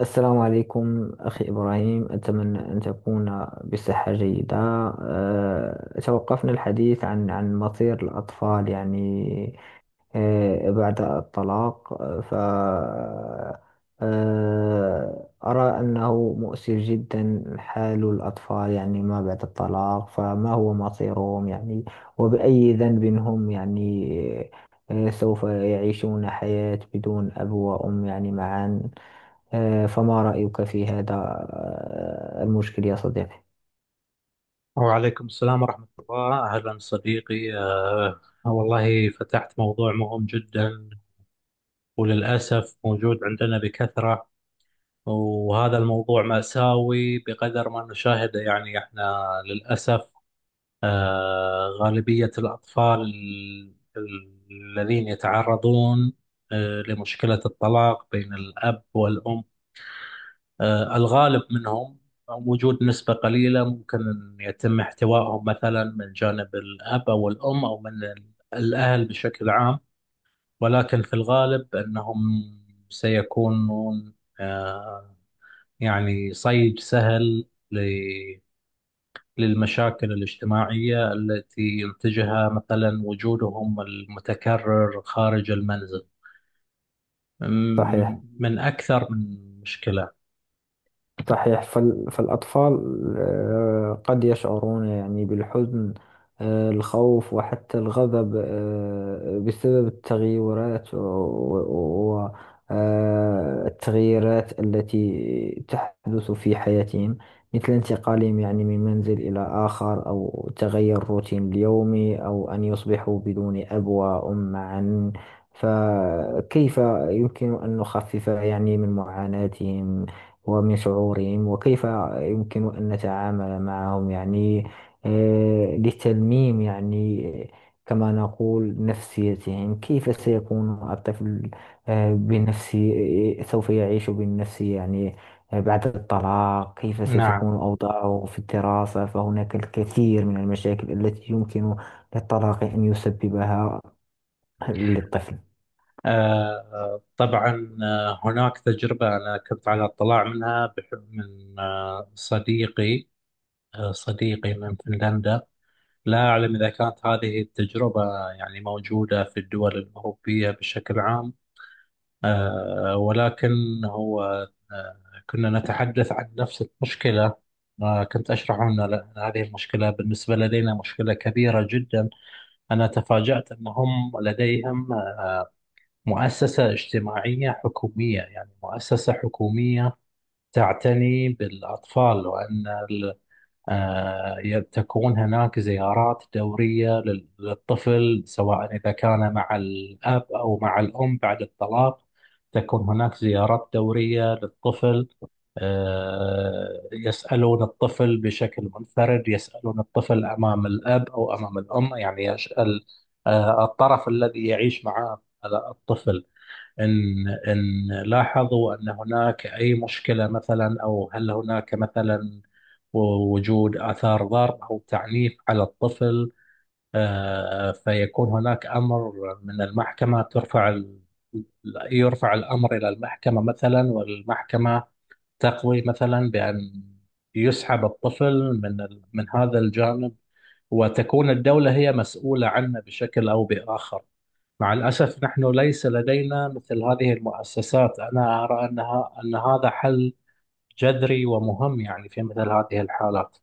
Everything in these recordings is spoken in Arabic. السلام عليكم أخي إبراهيم، أتمنى أن تكون بصحة جيدة. توقفنا الحديث عن مصير الأطفال، يعني بعد الطلاق آه، ف آه، أرى أنه مؤسف جدا حال الأطفال، يعني ما بعد الطلاق فما هو مصيرهم، يعني؟ وبأي ذنب هم، يعني؟ سوف يعيشون حياة بدون أب وأم، يعني معا. فما رأيك في هذا، المشكل يا صديقي؟ وعليكم السلام ورحمة الله، أهلا صديقي. والله فتحت موضوع مهم جدا، وللأسف موجود عندنا بكثرة. وهذا الموضوع مأساوي بقدر ما نشاهده، يعني احنا للأسف غالبية الأطفال الذين يتعرضون لمشكلة الطلاق بين الأب والأم، الغالب منهم وجود نسبة قليلة ممكن أن يتم احتوائهم مثلا من جانب الأب أو الأم أو من الأهل بشكل عام. ولكن في الغالب أنهم سيكونون آه، يعني صيد سهل ل- للمشاكل الاجتماعية التي ينتجها مثلا وجودهم المتكرر خارج المنزل، صحيح، من أكثر من مشكلة. صحيح. فالأطفال قد يشعرون يعني بالحزن، الخوف وحتى الغضب، بسبب التغيرات والتغييرات التي تحدث في حياتهم، مثل انتقالهم يعني من منزل إلى آخر، أو تغير روتين اليومي، أو أن يصبحوا بدون أب وأم معا. فكيف يمكن أن نخفف يعني من معاناتهم ومن شعورهم، وكيف يمكن أن نتعامل معهم، يعني لتلميم يعني، كما نقول، نفسيتهم؟ كيف سيكون الطفل بنفسي سوف يعيش بالنفسي، يعني بعد الطلاق؟ كيف نعم. ستكون أوضاعه في الدراسة؟ فهناك الكثير من المشاكل التي يمكن للطلاق أن يسببها للطفل. طبعا، هناك تجربة أنا كنت على اطلاع منها من صديقي، صديقي من فنلندا. لا أعلم إذا كانت هذه التجربة يعني موجودة في الدول الأوروبية بشكل عام، ولكن هو آه، كنا نتحدث عن نفس المشكلة. كنت أشرح أن هذه المشكلة بالنسبة لدينا مشكلة كبيرة جدا. أنا تفاجأت أنهم لديهم مؤسسة اجتماعية حكومية، يعني مؤسسة حكومية تعتني بالأطفال، وأن ال- تكون هناك زيارات دورية للطفل سواء إذا كان مع الأب أو مع الأم بعد الطلاق. تكون هناك زيارات دورية للطفل. يسألون الطفل بشكل منفرد، يسألون الطفل أمام الأب أو أمام الأم، يعني يسأل الطرف الذي يعيش معه الطفل. إن لاحظوا أن هناك أي مشكلة مثلا، أو هل هناك مثلا وجود آثار ضرب أو تعنيف على الطفل، فيكون هناك أمر من المحكمة، يرفع الأمر إلى المحكمة مثلا، والمحكمة تقضي مثلا بأن يسحب الطفل من من هذا الجانب وتكون الدولة هي مسؤولة عنه بشكل أو بآخر. مع الأسف نحن ليس لدينا مثل هذه المؤسسات. أنا أرى أنها أن هذا حل جذري ومهم يعني في مثل هذه الحالات.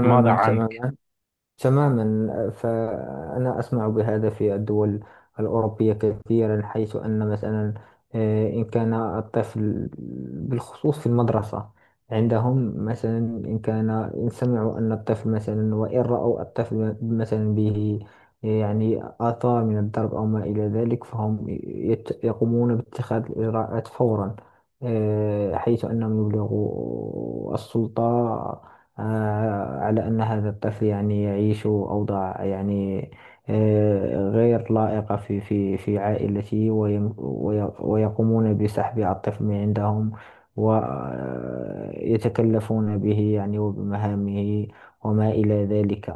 ماذا عنك؟ تماما. تماما، فأنا أسمع بهذا في الدول الأوروبية كثيرا، حيث أن مثلا إن كان الطفل بالخصوص في المدرسة عندهم مثلا، إن كان، إن سمعوا أن الطفل مثلا، وإن رأوا الطفل مثلا به يعني آثار من الضرب أو ما إلى ذلك، فهم يقومون باتخاذ الإجراءات فورا. حيث أنهم يبلغوا السلطة على أن هذا الطفل يعني يعيش أوضاع، يعني غير لائقة في في عائلته، ويقومون بسحب الطفل من عندهم، ويتكلفون به، يعني وبمهامه وما إلى ذلك.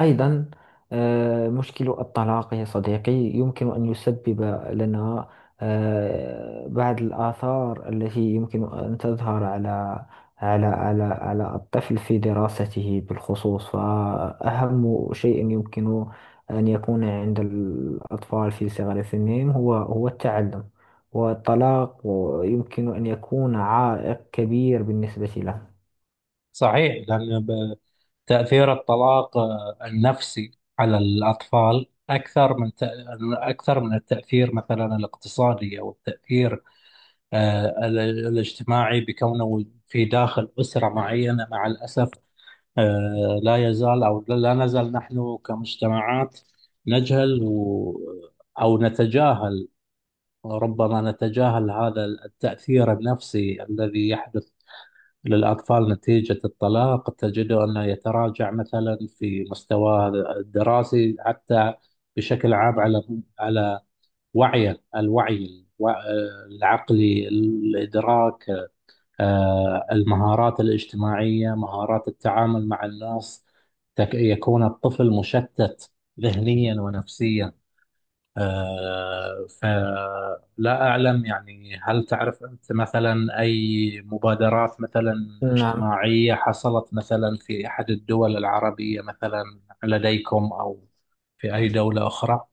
أيضا مشكل الطلاق يا صديقي يمكن أن يسبب لنا بعض الآثار التي يمكن أن تظهر على الطفل في دراسته بالخصوص. فأهم شيء يمكن أن يكون عند الأطفال في صغر سنهم هو التعلم، والطلاق يمكن أن يكون عائق كبير بالنسبة له. صحيح، تأثير الطلاق النفسي على الأطفال أكثر من أكثر من التأثير مثلا الاقتصادي أو التأثير الاجتماعي بكونه في داخل أسرة معينة. مع الأسف لا يزال أو لا نزال نحن كمجتمعات نجهل و، أو نتجاهل، ربما نتجاهل هذا التأثير النفسي الذي يحدث للأطفال نتيجة الطلاق. تجده أنه يتراجع مثلا في مستواه الدراسي، حتى بشكل عام على على وعيه، العقلي، الإدراك، المهارات الاجتماعية، مهارات التعامل مع الناس. يكون الطفل مشتت ذهنيا ونفسيا. فلا أعلم يعني، هل تعرف أنت مثلا أي مبادرات مثلا نعم. اجتماعية حصلت مثلا في أحد الدول العربية مثلا لديكم، أو في أي دولة أخرى؟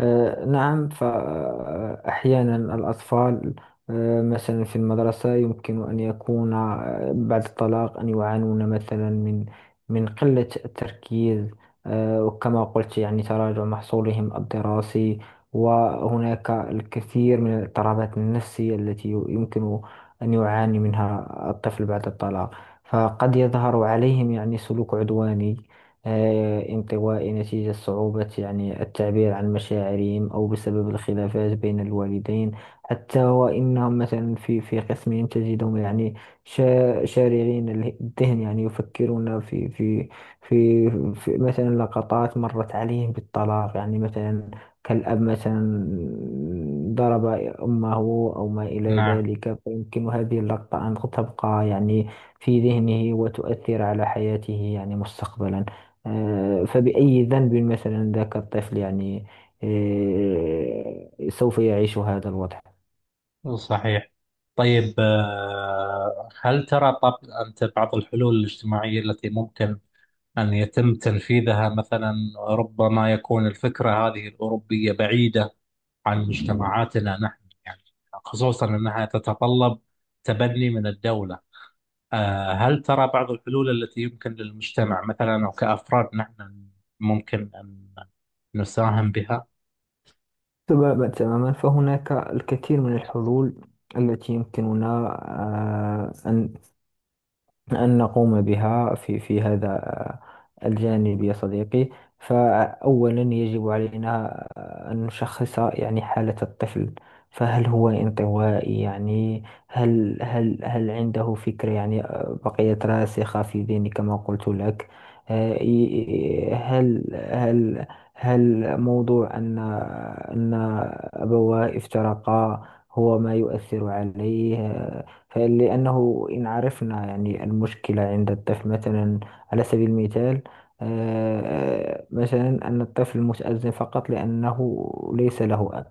نعم، فأحيانا الأطفال مثلا في المدرسة يمكن أن يكون بعد الطلاق أن يعانون مثلا من قلة التركيز. وكما قلت يعني تراجع محصولهم الدراسي. وهناك الكثير من الاضطرابات النفسية التي يمكن أن يعاني منها الطفل بعد الطلاق. فقد يظهر عليهم يعني سلوك عدواني، انطوائي، نتيجة صعوبة يعني التعبير عن مشاعرهم، أو بسبب الخلافات بين الوالدين. حتى وإنهم مثلا في قسمهم تجدهم يعني شارغين الذهن، يعني يفكرون في في مثلا لقطات مرت عليهم بالطلاق، يعني مثلا كالأب مثلا ضرب أمه أو ما إلى نعم. ذلك. فيمكن هذه اللقطة أن تبقى يعني في ذهنه وتؤثر على حياته يعني مستقبلا. فبأي ذنب مثلا ذاك الطفل، يعني سوف يعيش هذا الوضع؟ صحيح. طيب، هل ترى طب أنت بعض الحلول الاجتماعية التي ممكن أن يتم تنفيذها مثلا؟ ربما يكون الفكرة هذه الأوروبية بعيدة عن مجتمعاتنا نحن يعني، خصوصا أنها تتطلب تبني من الدولة. هل ترى بعض الحلول التي يمكن للمجتمع مثلا أو كأفراد نحن ممكن أن نساهم بها؟ تماما، تماما. فهناك الكثير من الحلول التي يمكننا آه، أن أن نقوم بها في هذا، الجانب يا صديقي. فأولا يجب علينا أن نشخص يعني حالة الطفل. فهل هو انطوائي، يعني؟ هل عنده فكرة، يعني بقيت راسخة في ذهني كما قلت لك؟ آه، ي- هل هل هل موضوع أن أبواه افترقا هو ما يؤثر عليه؟ فلأنه إن عرفنا يعني المشكلة عند الطفل مثلا، على سبيل المثال مثلا أن الطفل متأذن فقط لأنه ليس له،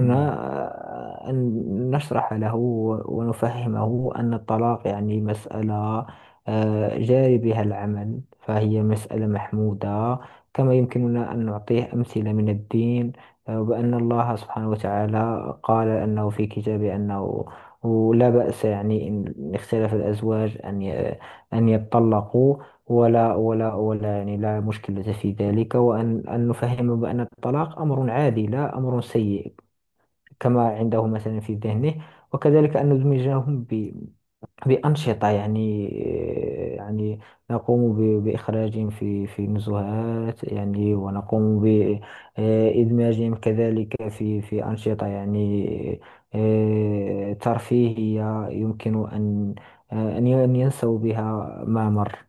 مم. أن نشرح له ونفهمه أن الطلاق يعني مسألة جاري بها العمل، فهي مسألة محمودة. كما يمكننا أن نعطيه أمثلة من الدين وبأن الله سبحانه وتعالى قال أنه في كتابه أنه لا بأس يعني إن اختلف الأزواج أن أن يتطلقوا، ولا يعني لا مشكلة في ذلك، وأن نفهم بأن الطلاق أمر عادي لا أمر سيء، كما عنده مثلا في ذهنه. وكذلك أن ندمجهم بأنشطة، يعني يعني نقوم بإخراجهم في نزهات، يعني ونقوم بإدماجهم كذلك في أنشطة يعني ترفيهية يمكن أن ينسوا بها ما مر.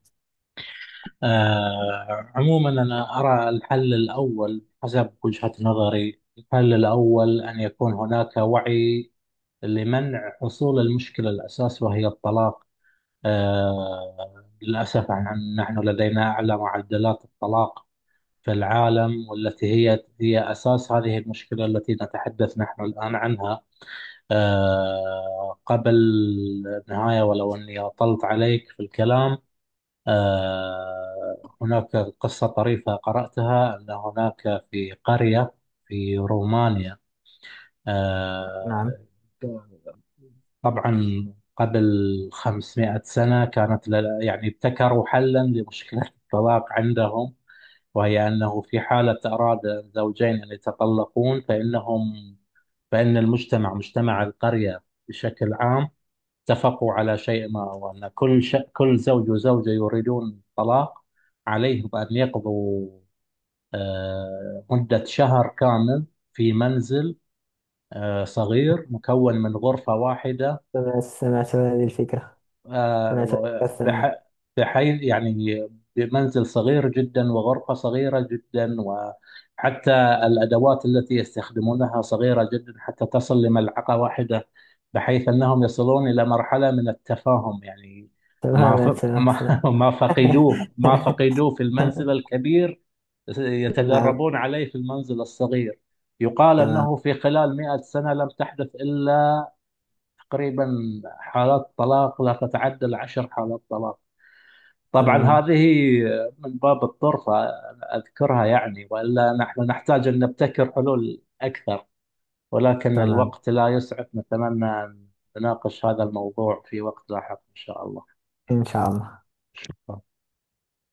عموما أنا أرى الحل الأول حسب وجهة نظري، الحل الأول أن يكون هناك وعي لمنع حصول المشكلة الأساس، وهي الطلاق. للأسف نحن لدينا أعلى معدلات الطلاق في العالم، والتي هي أساس هذه المشكلة التي نتحدث نحن الآن عنها. قبل النهاية، ولو أني أطلت عليك في الكلام، هناك قصة طريفة قرأتها، أن هناك في قرية في رومانيا، نعم. آه، طبعا قبل 500 سنة كانت يعني ابتكروا حلا لمشكلة الطلاق عندهم. وهي أنه في حالة أراد الزوجين أن يتطلقون فإنهم، فإن المجتمع، مجتمع القرية بشكل عام، اتفقوا على شيء ما، وأن كل كل زوج وزوجة يريدون الطلاق عليهم أن يقضوا مدة شهر كامل في منزل صغير مكون من غرفة واحدة، سمعت عن هذه الفكرة. سمعت عن آه، الكسرة. بح... بحيث يعني بمنزل صغير جدا وغرفة صغيرة جدا، وحتى الأدوات التي يستخدمونها صغيرة جدا حتى تصل لملعقة واحدة، بحيث أنهم يصلون إلى مرحلة من التفاهم يعني. ما ف... تماما، تماما. ما ما فقدوه، ما فقدوه في المنزل الكبير تمام. يتدربون عليه في المنزل الصغير. يقال تمام. أنه في خلال مئة سنة لم تحدث إلا تقريبا حالات طلاق لا تتعدى العشر حالات طلاق. طبعا تمام. هذه من باب الطرفة أذكرها يعني، وإلا نحن نحتاج أن نبتكر حلول أكثر، ولكن تمام. الوقت لا يسعف. نتمنى أن نناقش هذا الموضوع في وقت لاحق إن شاء إن شاء الله. الله.